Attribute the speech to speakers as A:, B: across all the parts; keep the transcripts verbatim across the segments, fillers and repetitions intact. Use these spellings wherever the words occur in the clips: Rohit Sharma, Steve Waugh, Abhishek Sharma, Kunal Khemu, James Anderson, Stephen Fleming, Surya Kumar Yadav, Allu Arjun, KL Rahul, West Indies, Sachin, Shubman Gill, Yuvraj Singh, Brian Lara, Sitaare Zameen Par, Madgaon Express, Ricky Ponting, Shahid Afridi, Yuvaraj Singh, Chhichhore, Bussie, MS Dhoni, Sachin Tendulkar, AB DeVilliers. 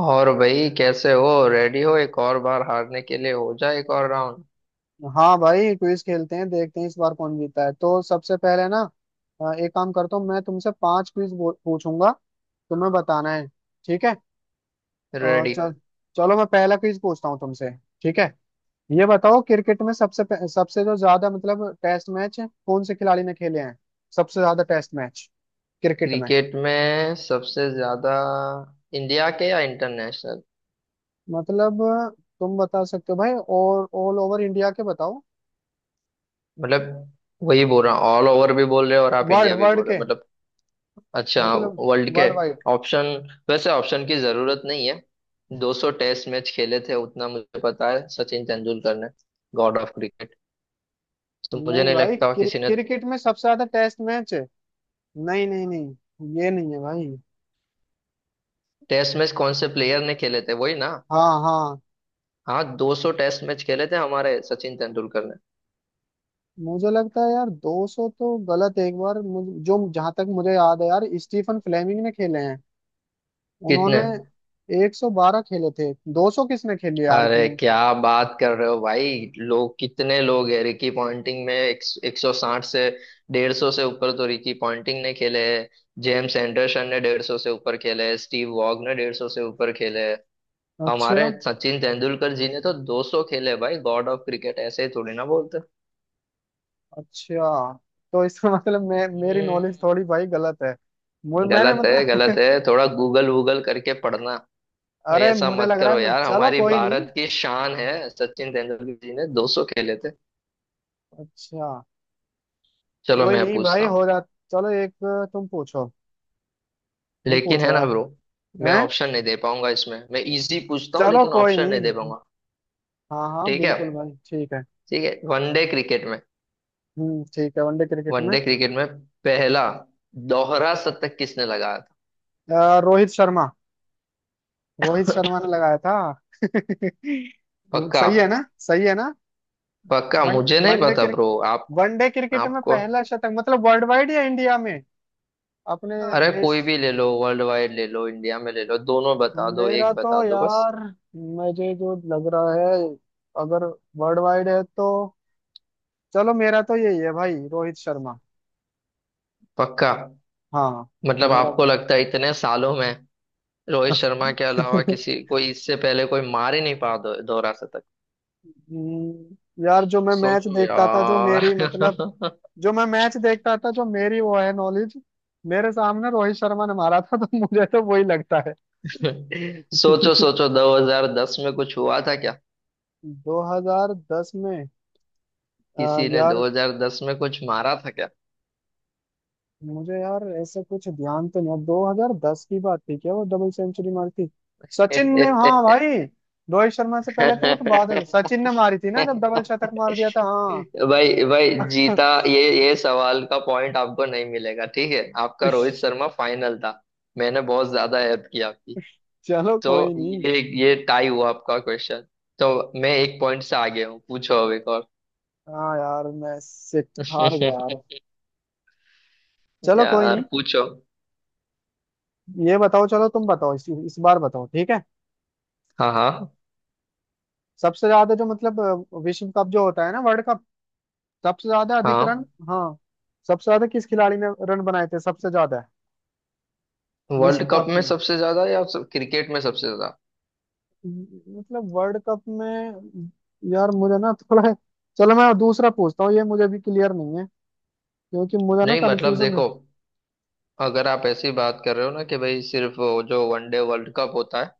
A: और भाई, कैसे हो? रेडी हो एक और बार हारने के लिए? हो जाए एक और राउंड।
B: हाँ भाई, क्विज खेलते हैं, देखते हैं इस बार कौन जीता है। तो सबसे पहले ना अ, एक काम करता हूँ, मैं तुमसे पांच क्विज पूछूंगा। तुम्हें बताना है, ठीक है। और
A: रेडी।
B: चल, चलो मैं पहला क्विज पूछता हूँ तुमसे। ठीक है, ये बताओ क्रिकेट में सबसे पे- सबसे जो ज्यादा मतलब टेस्ट मैच कौन से खिलाड़ी ने खेले हैं। सबसे ज्यादा टेस्ट मैच क्रिकेट में।
A: क्रिकेट में सबसे ज्यादा? इंडिया के या इंटरनेशनल?
B: मतलब तुम बता सकते हो भाई, और ऑल ओवर इंडिया के बताओ।
A: मतलब वही बोल रहा हूँ, ऑल ओवर भी बोल रहे हो और आप
B: वर्ल्ड
A: इंडिया भी
B: वर्ल्ड
A: बोल रहे
B: के।
A: हो मतलब। अच्छा।
B: मतलब
A: वर्ल्ड के।
B: World wide.
A: ऑप्शन। वैसे ऑप्शन की जरूरत नहीं है। दो सौ टेस्ट मैच खेले थे उतना मुझे पता है, सचिन तेंदुलकर ने। God of cricket. तो मुझे
B: नहीं
A: नहीं
B: भाई,
A: लगता
B: क्रि,
A: किसी ने।
B: क्रिकेट में सबसे ज्यादा टेस्ट मैच है। नहीं नहीं नहीं, ये नहीं है भाई।
A: टेस्ट मैच कौन से प्लेयर ने खेले थे वही ना?
B: हाँ हाँ।
A: हाँ, दो सौ टेस्ट मैच खेले थे हमारे सचिन तेंदुलकर ने।
B: मुझे लगता है यार दो सौ तो गलत है। एक बार मुझे जो, जहां तक मुझे याद है यार, स्टीफन फ्लेमिंग ने खेले हैं।
A: कितने?
B: उन्होंने एक सौ बारह खेले थे। दो सौ किसने खेले यार
A: अरे
B: इतने।
A: क्या बात कर रहे हो भाई! लोग कितने लोग हैं! रिकी पॉन्टिंग में एक, 160 से, डेढ़ सौ से ऊपर तो रिकी पॉन्टिंग ने खेले हैं। जेम्स एंडरसन ने डेढ़ सौ से ऊपर खेले हैं, स्टीव वॉग ने डेढ़ सौ से ऊपर खेले हैं।
B: अच्छा।
A: हमारे सचिन तेंदुलकर जी ने तो दो सौ खेले भाई, गॉड ऑफ क्रिकेट ऐसे ही थोड़ी ना बोलते।
B: अच्छा, तो इसका मतलब मैं, मेरी नॉलेज
A: हम्म,
B: थोड़ी भाई गलत है। मु- मैंने
A: गलत है, गलत
B: मतलब
A: है, थोड़ा गूगल वूगल करके पढ़ना। भाई
B: अरे,
A: ऐसा
B: मुझे
A: मत
B: लग रहा
A: करो
B: है मैं,
A: यार,
B: चलो
A: हमारी
B: कोई नहीं।
A: भारत की शान है, सचिन तेंदुलकर जी ने दो सौ खेले थे।
B: अच्छा।
A: चलो
B: कोई
A: मैं
B: नहीं भाई,
A: पूछता हूँ।
B: हो जा। चलो एक, तुम पूछो, तुम
A: लेकिन
B: पूछो
A: है ना
B: यार।
A: ब्रो। मैं
B: हैं।
A: ऑप्शन नहीं दे पाऊंगा इसमें, मैं इजी पूछता हूँ
B: चलो
A: लेकिन
B: कोई
A: ऑप्शन नहीं दे
B: नहीं।
A: पाऊंगा।
B: हाँ हाँ
A: ठीक है।
B: बिल्कुल भाई, ठीक है।
A: ठीक है, वनडे क्रिकेट में,
B: हम्म, ठीक है, वनडे क्रिकेट में।
A: वनडे क्रिकेट में पहला दोहरा शतक किसने लगाया था?
B: अ, रोहित शर्मा, रोहित शर्मा ने लगाया था।
A: पक्का?
B: सही है ना, सही है ना।
A: पक्का
B: वन
A: मुझे नहीं
B: वनडे
A: पता
B: क्रिक
A: ब्रो। आपको?
B: वनडे क्रिकेट में
A: आपको?
B: पहला शतक मतलब वर्ल्ड वाइड या इंडिया में, अपने
A: अरे
B: देश।
A: कोई भी ले लो, वर्ल्ड वाइड ले लो, इंडिया में ले लो, दोनों बता दो,
B: मेरा
A: एक
B: तो
A: बता दो बस।
B: यार, मुझे जो लग रहा है, अगर वर्ल्ड वाइड है तो, चलो मेरा तो यही है भाई, रोहित शर्मा।
A: पक्का?
B: हाँ।
A: मतलब
B: मेरा
A: आपको लगता है इतने सालों में रोहित शर्मा के अलावा किसी, कोई इससे पहले कोई मार ही नहीं पा, दो, दोहरा शतक?
B: हम्म, यार जो मैं मैच
A: सोचो
B: देखता था, जो मेरी मतलब,
A: यार।
B: जो मैं मैच देखता था, जो मेरी वो है नॉलेज, मेरे सामने रोहित शर्मा ने मारा था। तो मुझे तो वही लगता है।
A: सोचो सोचो, दो हज़ार दस में कुछ हुआ था क्या?
B: दो हज़ार दस में आ,
A: किसी ने
B: यार
A: दो हज़ार दस में कुछ मारा था क्या?
B: मुझे, यार ऐसे कुछ ध्यान तो नहीं, दो हज़ार दस की बात थी क्या वो डबल सेंचुरी मारी थी। सचिन ने हाँ भाई, रोहित शर्मा से पहले तो, वो तो बाद है, सचिन ने मारी थी ना जब डबल शतक मार दिया था। हाँ।
A: भाई भाई जीता, ये ये सवाल का पॉइंट आपको नहीं मिलेगा, ठीक है? आपका रोहित शर्मा फाइनल था। मैंने बहुत ज्यादा हेल्प की आपकी।
B: चलो
A: तो
B: कोई नहीं।
A: ये ये टाई हुआ आपका क्वेश्चन। तो मैं एक पॉइंट से आगे हूँ, पूछो अब एक और।
B: हाँ यार, मैं सिट हार गया यार। चलो कोई
A: यार
B: नहीं।
A: पूछो।
B: ये बताओ, चलो तुम बताओ इस, इस बार बताओ, ठीक है।
A: हाँ, हाँ,
B: सबसे ज्यादा जो मतलब अ, विश्व कप जो होता है ना, वर्ल्ड कप, सबसे ज्यादा अधिक रन।
A: हाँ।
B: हाँ। सबसे ज्यादा किस खिलाड़ी ने रन बनाए थे, सबसे ज्यादा।
A: वर्ल्ड
B: विश्व
A: कप
B: कप
A: में
B: में,
A: सबसे ज्यादा या सब क्रिकेट में सबसे ज्यादा?
B: मतलब वर्ल्ड कप में। यार मुझे ना थोड़ा, चलो मैं दूसरा पूछता हूँ, ये मुझे भी क्लियर नहीं है क्योंकि मुझे ना
A: नहीं मतलब
B: कन्फ्यूजन है।
A: देखो, अगर आप ऐसी बात कर रहे हो ना कि भाई सिर्फ वो जो वनडे वर्ल्ड कप होता है,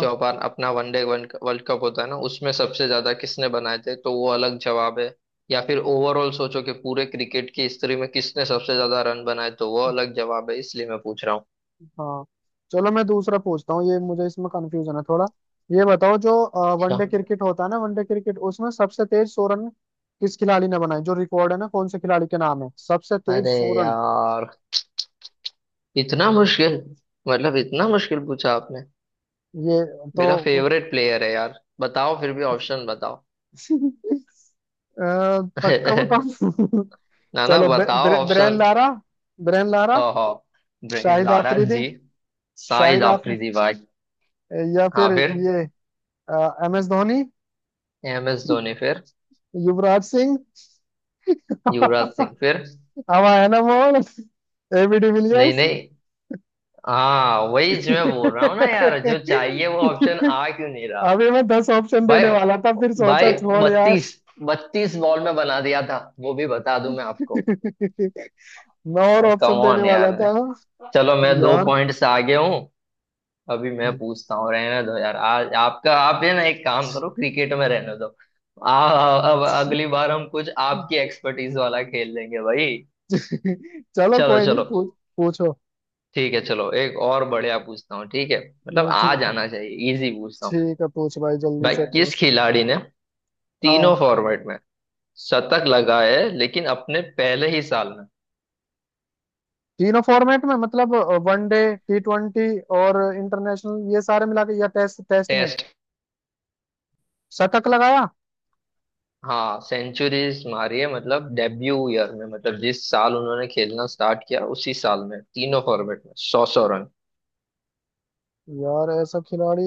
A: जो अपन अपना वनडे वर्ल्ड कप होता है ना, उसमें सबसे ज्यादा किसने बनाए थे, तो वो अलग जवाब है। या फिर ओवरऑल सोचो कि पूरे क्रिकेट की हिस्ट्री में किसने सबसे ज्यादा रन बनाए, तो वो अलग जवाब है, इसलिए मैं पूछ रहा हूँ।
B: हाँ। चलो मैं दूसरा पूछता हूँ, ये मुझे इसमें कंफ्यूजन है थोड़ा। ये बताओ, जो
A: अच्छा।
B: वनडे क्रिकेट होता है ना, वनडे क्रिकेट, उसमें सबसे तेज सौ रन किस खिलाड़ी ने बनाए, जो रिकॉर्ड है ना, कौन से खिलाड़ी के नाम है सबसे तेज
A: अरे
B: सौ रन।
A: यार, इतना मुश्किल! मतलब इतना मुश्किल पूछा आपने।
B: ये
A: मेरा
B: तो
A: फेवरेट प्लेयर है यार, बताओ फिर भी ऑप्शन बताओ।
B: अ, पक्का बताओ।
A: ना ना,
B: चलो ब-
A: बताओ
B: ब्रे- Brian
A: option.
B: Lara, Brian Lara.
A: ओहो। Brian
B: Shahid
A: Lara
B: Afridi,
A: ji. शाहिद
B: शाहिद आफरी
A: आफरीदी भाई।
B: या फिर
A: हाँ फिर।
B: ये M S Dhoni,
A: M S Dhoni फिर।
B: युवराज सिंह।
A: युवराज सिंह फिर।
B: हवा है ना मोहन, एबी
A: नहीं
B: डिविलियर्स।
A: नहीं। हाँ वही जो मैं बोल रहा हूँ ना यार, जो चाहिए वो ऑप्शन
B: अभी
A: आ क्यों नहीं रहा?
B: मैं दस ऑप्शन
A: भाई,
B: देने वाला था, फिर सोचा
A: भाई,
B: छोड़ यार।
A: बत्तीस, बत्तीस बॉल में बना दिया था, वो भी बता दूं मैं आपको।
B: मैं और
A: भाई कम
B: ऑप्शन देने
A: ऑन यार।
B: वाला था
A: चलो मैं दो
B: यार।
A: पॉइंट से आगे हूँ। अभी मैं पूछता हूँ, रहने दो यार आज आपका। आप ये ना, एक काम करो, क्रिकेट में रहने दो। आ, अब अगली बार हम कुछ आपकी एक्सपर्टीज वाला खेल लेंगे भाई।
B: चलो
A: चलो
B: कोई नहीं,
A: चलो।
B: पूछ, पूछो।
A: ठीक है, चलो एक और बढ़िया पूछता हूँ, ठीक है। मतलब
B: हम्म,
A: आ
B: ठीक है।
A: जाना चाहिए, इजी पूछता हूँ।
B: ठीक है, पूछ भाई जल्दी
A: भाई
B: से
A: किस
B: पूछ।
A: खिलाड़ी ने तीनों
B: हाँ।
A: फॉर्मेट में शतक लगाए लेकिन अपने पहले ही साल में?
B: तीनों फॉर्मेट में मतलब वनडे, टी ट्वेंटी और इंटरनेशनल, ये सारे मिला के या टेस्ट, टेस्ट में
A: टेस्ट।
B: शतक लगाया।
A: हाँ सेंचुरीज मारी है, मतलब डेब्यू ईयर में, मतलब जिस साल उन्होंने खेलना स्टार्ट किया उसी साल में तीनों फॉर्मेट में सौ सौ रन।
B: यार ऐसा खिलाड़ी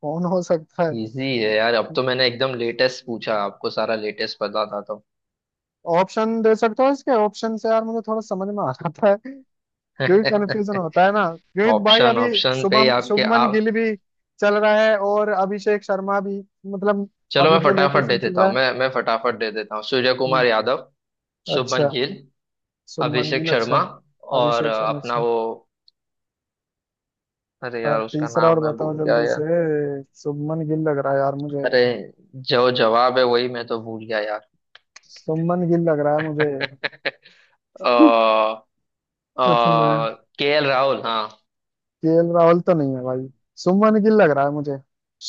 B: कौन हो सकता है।
A: इजी है यार, अब तो मैंने एकदम लेटेस्ट पूछा, आपको सारा लेटेस्ट पता था तो।
B: ऑप्शन दे सकते हो इसके, ऑप्शन से यार मुझे थोड़ा समझ में आ जाता है क्योंकि कंफ्यूजन होता है ना, क्योंकि भाई
A: ऑप्शन,
B: अभी
A: ऑप्शन पे ही
B: शुभम
A: आपके
B: शुभमन
A: आप।
B: गिल भी चल रहा है और अभिषेक शर्मा भी, मतलब
A: चलो मैं
B: अभी जो
A: फटाफट
B: लेटेस्ट
A: दे
B: चल
A: देता
B: रहा
A: हूँ,
B: है।
A: मैं मैं फटाफट दे देता हूँ। सूर्य
B: हम्म,
A: कुमार यादव,
B: अच्छा।
A: शुभमन गिल,
B: शुभमन
A: अभिषेक
B: गिल अच्छा।
A: शर्मा, और
B: अभिषेक
A: अ,
B: शर्मा
A: अपना
B: अच्छा।
A: वो। अरे
B: और
A: यार, उसका
B: तीसरा
A: नाम
B: और
A: मैं भूल
B: बताओ
A: गया
B: जल्दी
A: यार।
B: से। शुभमन गिल लग रहा है यार मुझे,
A: अरे, जो जवाब है वही मैं तो भूल गया यार।
B: शुभमन गिल लग रहा है मुझे। कुछ ना,
A: के एल राहुल, हाँ।
B: केएल राहुल तो नहीं है भाई, शुभमन गिल लग रहा है मुझे,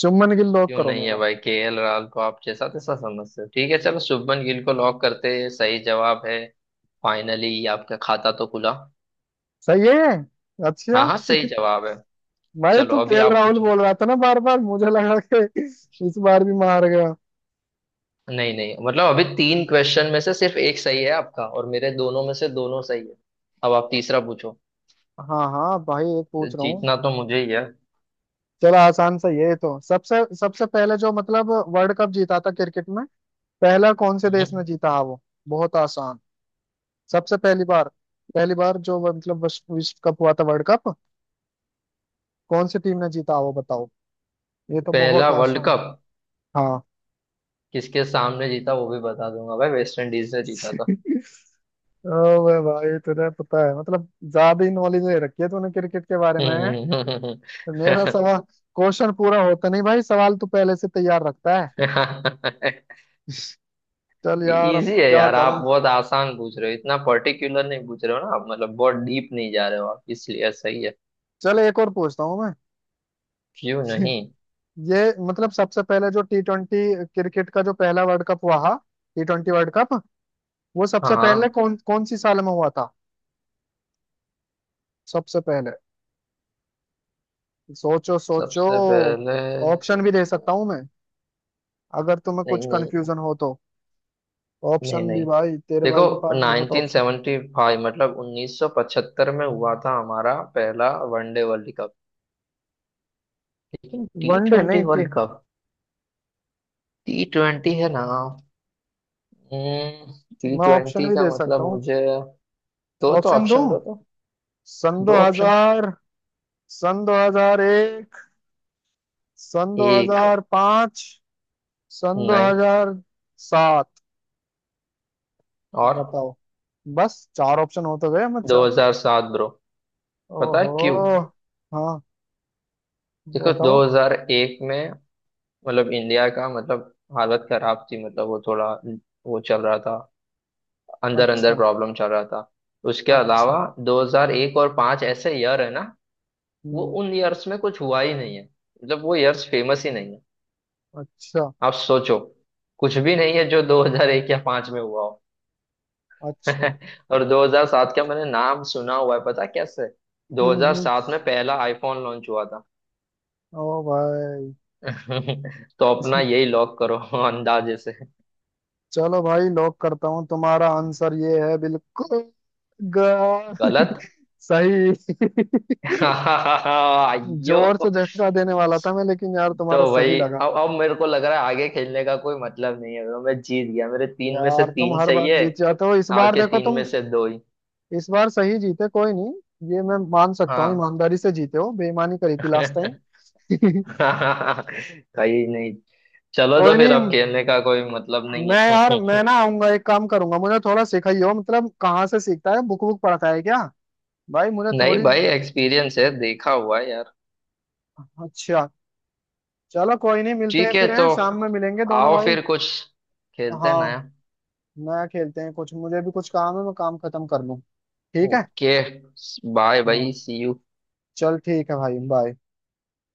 B: शुभमन गिल लॉक
A: क्यों
B: करो
A: नहीं है
B: मेरा।
A: भाई? के एल राहुल को आप जैसा तैसा समझते हो? ठीक है, चलो शुभमन गिल को लॉक करते हैं, सही जवाब है। फाइनली आपका खाता तो खुला।
B: सही है ये। अच्छा।
A: हाँ हाँ, सही जवाब है।
B: भाई
A: चलो
B: तू
A: अभी
B: केएल
A: आप
B: राहुल
A: पूछ लो।
B: बोल रहा था ना बार बार, मुझे लगा कि इस बार भी मार गया।
A: नहीं नहीं, मतलब अभी तीन क्वेश्चन में से सिर्फ एक सही है आपका, और मेरे दोनों में से दोनों सही है। अब आप तीसरा पूछो।
B: हाँ हाँ भाई, एक पूछ रहा हूँ।
A: जीतना तो मुझे ही है।
B: चलो आसान सा ये, तो सबसे, सबसे पहले जो मतलब वर्ल्ड कप जीता था क्रिकेट में, पहला कौन से देश ने
A: हम्म।
B: जीता है वो। बहुत आसान। सबसे पहली बार, पहली बार जो वो मतलब विश्व विश्व कप हुआ था, वर्ल्ड कप, कौन सी टीम ने जीता वो बताओ। ये तो
A: पहला
B: बहुत
A: वर्ल्ड
B: आसान।
A: कप?
B: हाँ।
A: किसके सामने जीता वो भी बता दूंगा भाई, वेस्ट इंडीज ने जीता
B: ओ भाई, तुझे पता है मतलब ज्यादा ही नॉलेज ले रखी है तूने क्रिकेट के बारे में। मेरा
A: था।
B: सवाल, क्वेश्चन पूरा होता नहीं भाई, सवाल तो पहले से तैयार रखता है। चल यार, अब
A: इजी है
B: क्या
A: यार, आप
B: करूं।
A: बहुत आसान पूछ रहे हो, इतना पर्टिकुलर नहीं पूछ रहे हो ना आप, मतलब बहुत डीप नहीं जा रहे हो आप, इसलिए सही है।
B: चल एक और पूछता हूं मैं,
A: क्यों नहीं।
B: ये मतलब सबसे पहले जो टी ट्वेंटी क्रिकेट का जो पहला वर्ल्ड कप हुआ था, टी ट्वेंटी वर्ल्ड कप, वो सबसे पहले
A: हाँ,
B: कौन, कौन सी साल में हुआ था। सबसे पहले, सोचो सोचो।
A: सबसे पहले।
B: ऑप्शन भी दे सकता हूं मैं, अगर तुम्हें
A: नहीं
B: कुछ
A: नहीं
B: कंफ्यूजन हो तो।
A: नहीं
B: ऑप्शन भी
A: नहीं,
B: भाई, तेरे
A: देखो।
B: भाई के पास बहुत ऑप्शन।
A: नाइनटीन सेवेंटी फाइव, मतलब उन्नीस सौ पचहत्तर में हुआ था हमारा पहला वनडे वर्ल्ड कप। लेकिन टी
B: वनडे
A: ट्वेंटी
B: नहीं, T.
A: World cup, T twenty है ना? टी
B: मैं ऑप्शन
A: ट्वेंटी
B: भी
A: का
B: दे
A: मतलब
B: सकता हूँ।
A: मुझे। दो तो
B: ऑप्शन दूं।
A: ऑप्शन, दो तो।
B: सन
A: दो ऑप्शन।
B: दो हज़ार, सन दो हज़ार एक, सन
A: एक।
B: दो हज़ार पाँच, सन
A: नहीं।
B: दो हज़ार सात,
A: और?
B: बताओ। बस चार ऑप्शन हो तो गए मैं, चार।
A: दो हज़ार सात ब्रो। पता है
B: ओहो।
A: क्यों?
B: हाँ।
A: देखो
B: बताओ।
A: दो हज़ार एक में, मतलब इंडिया का, मतलब हालत खराब थी, मतलब वो थोड़ा, वो चल रहा था, अंदर अंदर
B: अच्छा।
A: प्रॉब्लम चल रहा था। उसके
B: अच्छा।
A: अलावा, दो हज़ार एक और पाँच ऐसे ईयर है ना, वो
B: हम्म।
A: उन ईयर्स में कुछ हुआ ही नहीं है, मतलब वो ईयर्स फेमस ही नहीं है।
B: अच्छा।
A: आप सोचो, कुछ भी नहीं है जो दो हज़ार एक या पाँच में हुआ हो।
B: अच्छा।
A: और दो हज़ार सात का मैंने नाम सुना हुआ है, पता है कैसे?
B: हम्म हम्म।
A: दो हज़ार सात में पहला आईफोन लॉन्च हुआ था।
B: ओ भाई।
A: तो अपना यही लॉक करो, अंदाजे से।
B: चलो भाई लॉक करता हूँ, तुम्हारा आंसर ये है बिल्कुल ग-
A: गलत।
B: सही।
A: आइयो।
B: जोर से झटका देने वाला था मैं, लेकिन यार तुम्हारा
A: तो
B: सही
A: भाई
B: लगा।
A: अब अब मेरे को लग रहा है आगे खेलने का कोई मतलब नहीं है, तो मैं जीत गया, मेरे तीन में से
B: यार तुम
A: तीन
B: हर
A: सही
B: बार
A: है।
B: जीत जाते हो, इस बार
A: आपके
B: देखो
A: तीन में
B: तुम,
A: से दो ही।
B: इस बार सही जीते। कोई नहीं, ये मैं मान सकता हूँ,
A: हाँ।
B: ईमानदारी से जीते हो, बेईमानी करी थी लास्ट टाइम।
A: कहीं नहीं। चलो तो
B: कोई
A: फिर,
B: नहीं।
A: अब खेलने का कोई मतलब नहीं
B: मैं यार,
A: है।
B: मैं ना आऊंगा, एक काम करूंगा, मुझे थोड़ा सिखाइयो, मतलब कहाँ से सीखता है, बुक बुक पढ़ता है क्या भाई, मुझे
A: नहीं
B: थोड़ी।
A: भाई, एक्सपीरियंस है, देखा हुआ है यार।
B: अच्छा, चलो कोई नहीं, मिलते हैं
A: ठीक है
B: फिर,
A: तो,
B: हैं, शाम में मिलेंगे दोनों
A: आओ
B: भाई।
A: फिर कुछ खेलते हैं
B: हाँ,
A: नया।
B: मैं खेलते हैं कुछ, मुझे भी कुछ काम है, मैं काम खत्म कर लूँ, ठीक है।
A: ओके। बाय
B: हाँ,
A: भाई, सी यू।
B: चल ठीक है भाई, बाय।